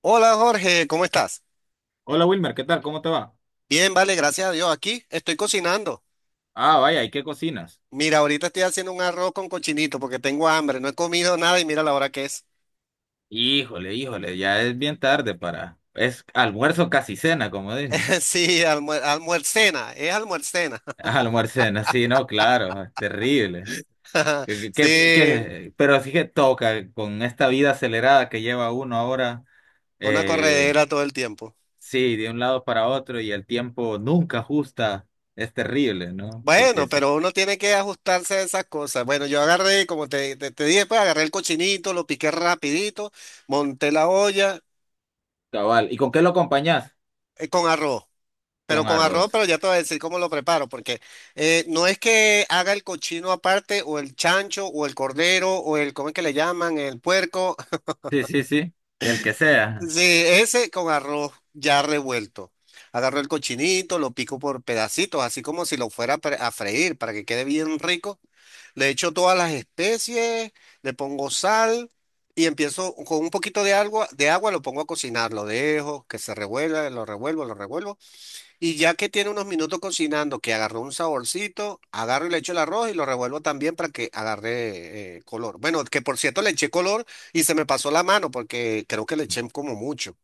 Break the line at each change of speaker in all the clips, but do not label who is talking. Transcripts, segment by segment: Hola Jorge, ¿cómo estás?
Hola Wilmer, ¿qué tal? ¿Cómo te va?
Bien, vale, gracias a Dios. Aquí estoy cocinando.
Ah, vaya, ¿y qué cocinas?
Mira, ahorita estoy haciendo un arroz con cochinito porque tengo hambre, no he comido nada y mira la hora que es.
Híjole, híjole, ya es bien tarde para... Es almuerzo casi cena, como dicen.
Sí, almuercena, es almuercena.
Ah, almuerzo cena, sí, no, claro, es terrible. ¿Qué, qué- qué-
Sí,
qué- Pero así que toca con esta vida acelerada que lleva uno ahora,
una
eh,
corredera todo el tiempo.
sí, de un lado para otro y el tiempo nunca ajusta, es terrible, ¿no? Porque
Bueno,
es
pero uno tiene que ajustarse a esas cosas. Bueno, yo agarré, como te dije, pues agarré el cochinito, lo piqué rapidito, monté la olla
cabal. ¿Y con qué lo acompañás?
con arroz. Pero
Con
con arroz,
arroz.
pero ya te voy a decir cómo lo preparo, porque no es que haga el cochino aparte, o el chancho, o el cordero, o el, ¿cómo es que le llaman? El puerco.
Sí, sí, sí, el que sea.
Sí, ese con arroz ya revuelto. Agarro el cochinito, lo pico por pedacitos, así como si lo fuera a a freír para que quede bien rico. Le echo todas las especies, le pongo sal y empiezo con un poquito de agua lo pongo a cocinar, lo dejo que se revuelva, lo revuelvo, lo revuelvo. Y ya que tiene unos minutos cocinando, que agarró un saborcito, agarro y le echo el arroz y lo revuelvo también para que agarre color. Bueno, que por cierto le eché color y se me pasó la mano porque creo que le eché como mucho.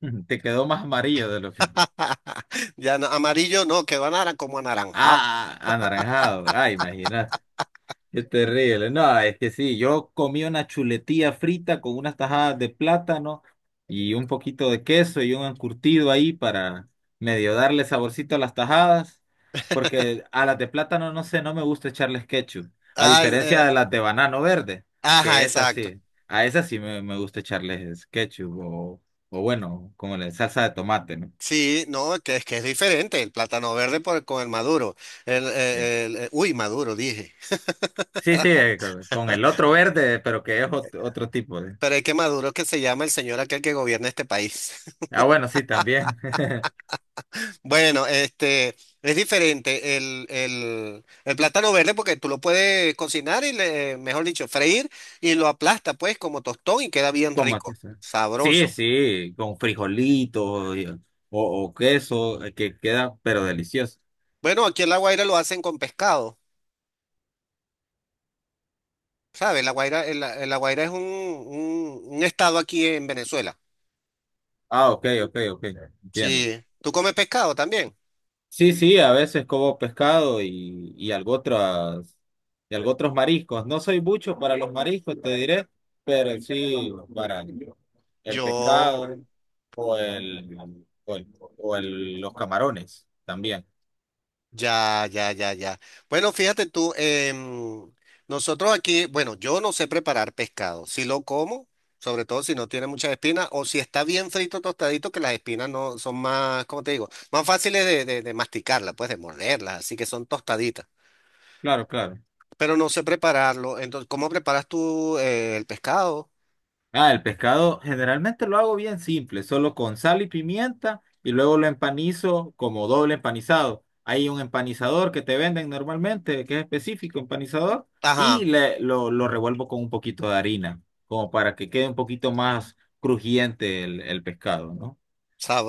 Te quedó más amarillo de lo que...
Ya amarillo no, quedó como anaranjado.
Ah, ah, anaranjado. Ah, imagínate. Qué terrible. No, es que sí, yo comí una chuletilla frita con unas tajadas de plátano y un poquito de queso y un encurtido ahí para medio darle saborcito a las tajadas, porque a las de plátano no sé, no me gusta echarles ketchup, a
Ah,
diferencia de las de banano verde,
ajá,
que es
exacto.
así. A esas sí me gusta echarles ketchup o bueno, como la salsa de tomate, ¿no?
Sí, no, que es diferente el plátano verde con el maduro. Uy, maduro, dije.
Sí, sí, con el otro verde, pero que es otro tipo de.
Pero es que maduro es que se llama el señor aquel que gobierna este país.
Ah, bueno, sí, también.
Bueno, este es diferente el plátano verde porque tú lo puedes cocinar y le, mejor dicho, freír y lo aplasta pues como tostón y queda bien
Tomate.
rico,
Sí, sí,
sabroso.
sí, con frijolitos o queso, que queda, pero delicioso.
Bueno, aquí en La Guaira lo hacen con pescado, ¿sabes? La Guaira, la La Guaira es un estado aquí en Venezuela.
Ah, ok, ok, ok, entiendo.
Sí. ¿Tú comes pescado también?
Sí, sí, a veces como pescado y algo otras, y algo otros mariscos. No soy mucho para los mariscos, te diré, pero sí para el
Yo,
pescado o el, o el- o los camarones también.
ya, ya, ya, ya. Bueno, fíjate tú, nosotros aquí, bueno, yo no sé preparar pescado. Si lo como, sobre todo si no tiene muchas espinas, o si está bien frito, tostadito, que las espinas no son más, ¿cómo te digo? Más fáciles de masticarlas, pues de morderlas, así que son tostaditas.
Claro, claro.
Pero no sé prepararlo. Entonces, ¿cómo preparas tú el pescado?
Ah, el pescado generalmente lo hago bien simple, solo con sal y pimienta y luego lo empanizo como doble empanizado. Hay un empanizador que te venden normalmente, que es específico, empanizador, y
Ajá,
lo revuelvo con un poquito de harina, como para que quede un poquito más crujiente el pescado, ¿no?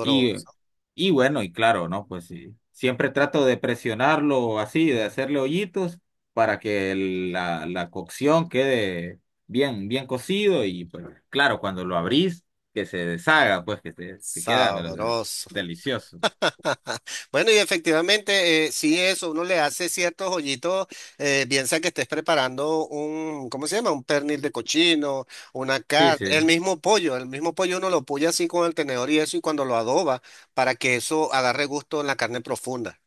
Y, y bueno, y claro, ¿no? Pues sí, siempre trato de presionarlo así, de hacerle hoyitos para que la cocción quede bien, bien cocido y pues claro, cuando lo abrís, que se deshaga, pues que te queda pero
sabroso.
delicioso.
Bueno, y efectivamente, sí, eso, uno le hace ciertos hoyitos, piensa que estés preparando un, ¿cómo se llama? Un pernil de cochino, una
Sí,
carne,
sí.
el mismo pollo uno lo puya así con el tenedor y eso, y cuando lo adoba, para que eso agarre gusto en la carne profunda.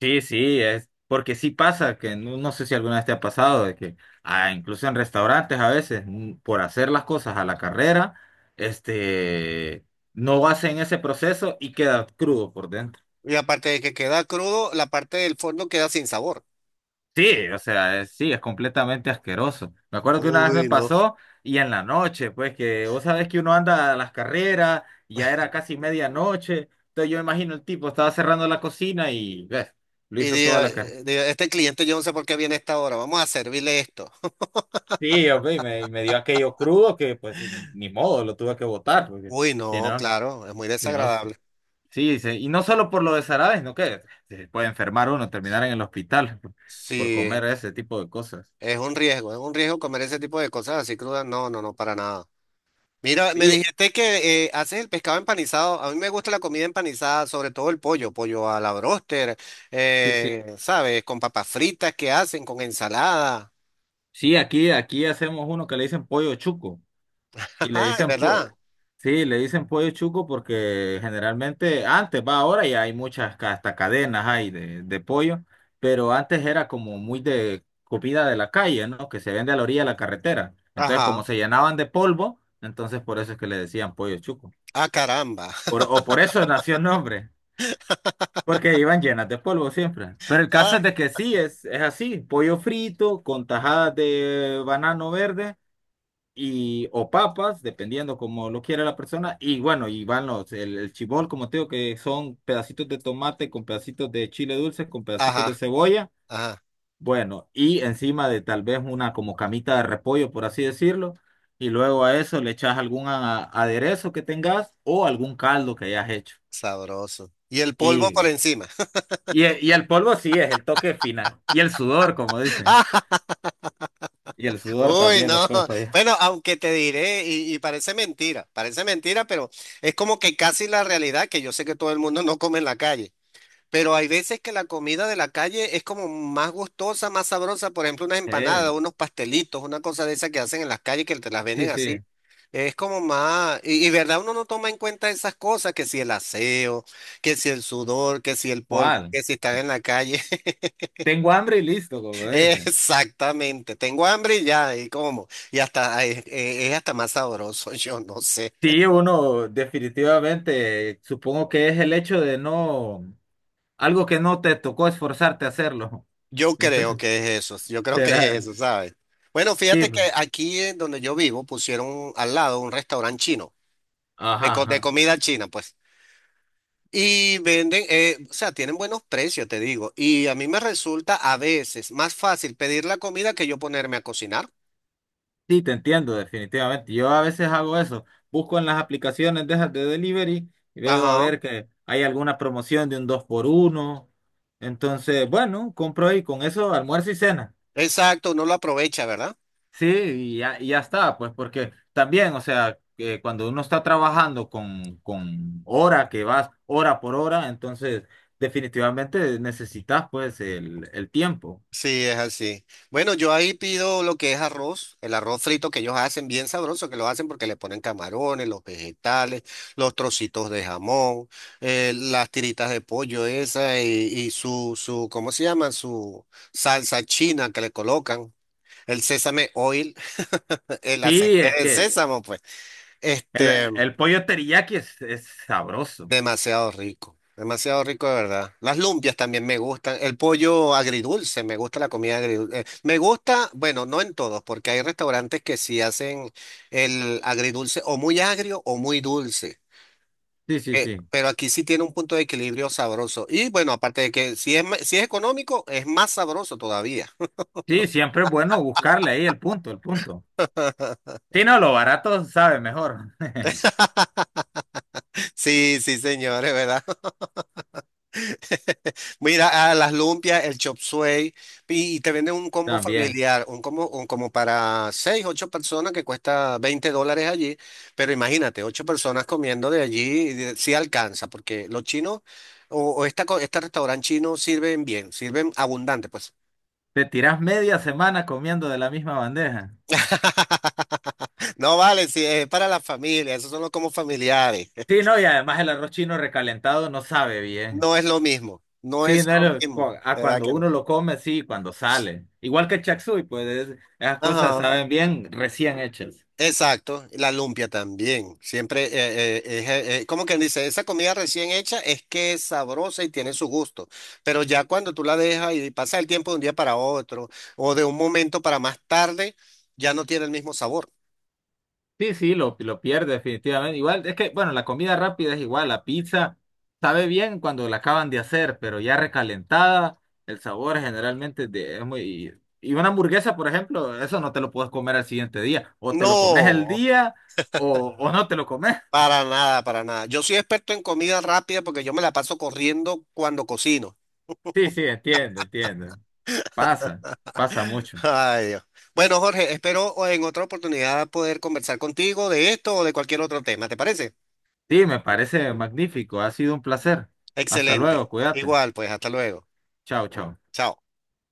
Sí, sí, es porque sí pasa que no sé si alguna vez te ha pasado de que ah, incluso en restaurantes a veces mm, por hacer las cosas a la carrera, este no hacen ese proceso y queda crudo por dentro.
Y aparte de que queda crudo, la parte del fondo queda sin sabor.
Sí, o sea, sí, es completamente asqueroso. Me acuerdo que una vez me
Uy, no.
pasó y en la noche, pues que vos sabés que uno anda a las carreras, y ya era casi medianoche, entonces yo me imagino el tipo estaba cerrando la cocina y ves, lo
Y
hizo toda
diga
la carrera.
dije, este cliente yo no sé por qué viene a esta hora, vamos a servirle esto.
Sí, hombre, me dio aquello crudo que pues ni modo, lo tuve que botar, porque
Uy,
si
no,
no,
claro, es muy
si no,
desagradable.
sí, sí, y no solo por lo de Sarabes, no que se puede enfermar uno, terminar en el hospital por comer
Sí.
ese tipo de cosas.
Es un riesgo comer ese tipo de cosas así crudas. No, no, no, para nada. Mira, me
Y,
dijiste que haces el pescado empanizado. A mí me gusta la comida empanizada, sobre todo el pollo, pollo a la bróster,
sí, sí,
¿sabes? Con papas fritas que hacen, con ensalada.
sí, aquí hacemos uno que le dicen pollo chuco. Y le
Ay,
dicen, pues,
¿verdad?
sí, le dicen pollo chuco porque generalmente antes, va ahora ya hay muchas, hasta cadenas hay de pollo, pero antes era como muy de comida de la calle, ¿no? Que se vende a la orilla de la carretera. Entonces, como
Ajá.
se llenaban de polvo, entonces por eso es que le decían pollo chuco.
Ah, caramba.
O por eso nació el nombre, porque iban llenas de polvo siempre. Pero el caso es
Ah,
de que sí, es así, pollo frito con tajadas de banano verde y o papas, dependiendo como lo quiera la persona. Y bueno, y van el chibol, como te digo, que son pedacitos de tomate con pedacitos de chile dulce, con pedacitos de
ajá,
cebolla.
ajá.
Bueno, y encima de tal vez una como camita de repollo, por así decirlo. Y luego a eso le echas algún aderezo que tengas o algún caldo que hayas hecho.
Sabroso. Y el polvo
Y,
por encima.
y el polvo sí es el toque final. Y el sudor, como dicen. Y el sudor
Uy,
también
no.
después, pues.
Bueno, aunque te diré, y parece mentira, pero es como que casi la realidad, que yo sé que todo el mundo no come en la calle, pero hay veces que la comida de la calle es como más gustosa, más sabrosa, por ejemplo, unas empanadas,
Eh,
unos pastelitos, una cosa de esas que hacen en las calles que te las
sí,
venden así.
sí.
Es como más, y verdad, uno no toma en cuenta esas cosas, que si el aseo, que si el sudor, que si el polvo,
¿Cuál?
que si están en la calle.
Tengo hambre y listo, como dicen.
Exactamente, tengo hambre y ya, y como, y hasta hasta más sabroso, yo no sé.
Sí, uno definitivamente, supongo que es el hecho de no, algo que no te tocó esforzarte a hacerlo.
Yo creo
Entonces,
que es eso, yo creo que es
será,
eso, ¿sabes? Bueno,
sí,
fíjate que
pues.
aquí en donde yo vivo pusieron al lado un restaurante chino,
Ajá,
de
ajá.
comida china, pues. Y venden, o sea, tienen buenos precios, te digo. Y a mí me resulta a veces más fácil pedir la comida que yo ponerme a cocinar.
Sí, te entiendo, definitivamente. Yo a veces hago eso, busco en las aplicaciones de esas de delivery y veo a
Ajá,
ver que hay alguna promoción de un dos por uno. Entonces, bueno, compro ahí con eso almuerzo y cena.
exacto, uno lo aprovecha, ¿verdad?
Sí, y ya está, pues porque también, o sea, que cuando uno está trabajando con hora que vas hora por hora, entonces definitivamente necesitas pues el tiempo.
Sí, es así. Bueno, yo ahí pido lo que es arroz, el arroz frito que ellos hacen, bien sabroso, que lo hacen porque le ponen camarones, los vegetales, los trocitos de jamón, las tiritas de pollo esa y, y su, ¿cómo se llama? Su salsa china que le colocan, el sésame oil, el
Sí,
aceite
es
de
que
sésamo, pues.
el,
Este.
el pollo teriyaki es sabroso.
Demasiado rico de verdad. Las lumpias también me gustan, el pollo agridulce, me gusta la comida agridulce. Me gusta, bueno, no en todos, porque hay restaurantes que sí hacen el agridulce o muy agrio o muy dulce.
Sí, sí, sí.
Pero aquí sí tiene un punto de equilibrio sabroso. Y bueno, aparte de que si es, si es económico, es más sabroso todavía.
Sí, siempre es bueno buscarle ahí el punto, el punto. Sí, no, lo barato sabe mejor.
Sí, sí, señores, ¿verdad? Mira, a las lumpias, el chop suey, y te venden un combo
También.
familiar, un combo un como para seis, ocho personas que cuesta $20 allí, pero imagínate, ocho personas comiendo de allí, sí alcanza, porque los chinos o este restaurante chino sirven bien, sirven abundante, pues.
Te tiras media semana comiendo de la misma bandeja.
No vale, si es para la familia, esos son los combos familiares.
Sí, no, y además el arroz chino recalentado no sabe bien.
No es lo mismo, no
Sí,
es
no,
lo
no, cu-
mismo,
a
de verdad
cuando
que no.
uno lo come, sí, cuando sale. Igual que el chapsui, pues esas cosas
Ajá.
saben bien recién hechas.
Exacto, la lumpia también. Siempre, como quien dice, esa comida recién hecha es que es sabrosa y tiene su gusto, pero ya cuando tú la dejas y pasa el tiempo de un día para otro o de un momento para más tarde, ya no tiene el mismo sabor.
Sí, sí, lo pierde definitivamente. Igual, es que, bueno, la comida rápida es igual, la pizza sabe bien cuando la acaban de hacer, pero ya recalentada, el sabor generalmente es muy... Y una hamburguesa, por ejemplo, eso no te lo puedes comer al siguiente día. O te lo comes el
No,
día o no te lo comes.
para nada, para nada. Yo soy experto en comida rápida porque yo me la paso corriendo cuando cocino.
Sí, sí, entiendo, entiendo. Pasa, pasa mucho.
Ay, Dios. Bueno, Jorge, espero en otra oportunidad poder conversar contigo de esto o de cualquier otro tema, ¿te parece?
Sí, me parece magnífico. Ha sido un placer. Hasta
Excelente.
luego, cuídate.
Igual, pues, hasta luego.
Chao, chao.
Chao.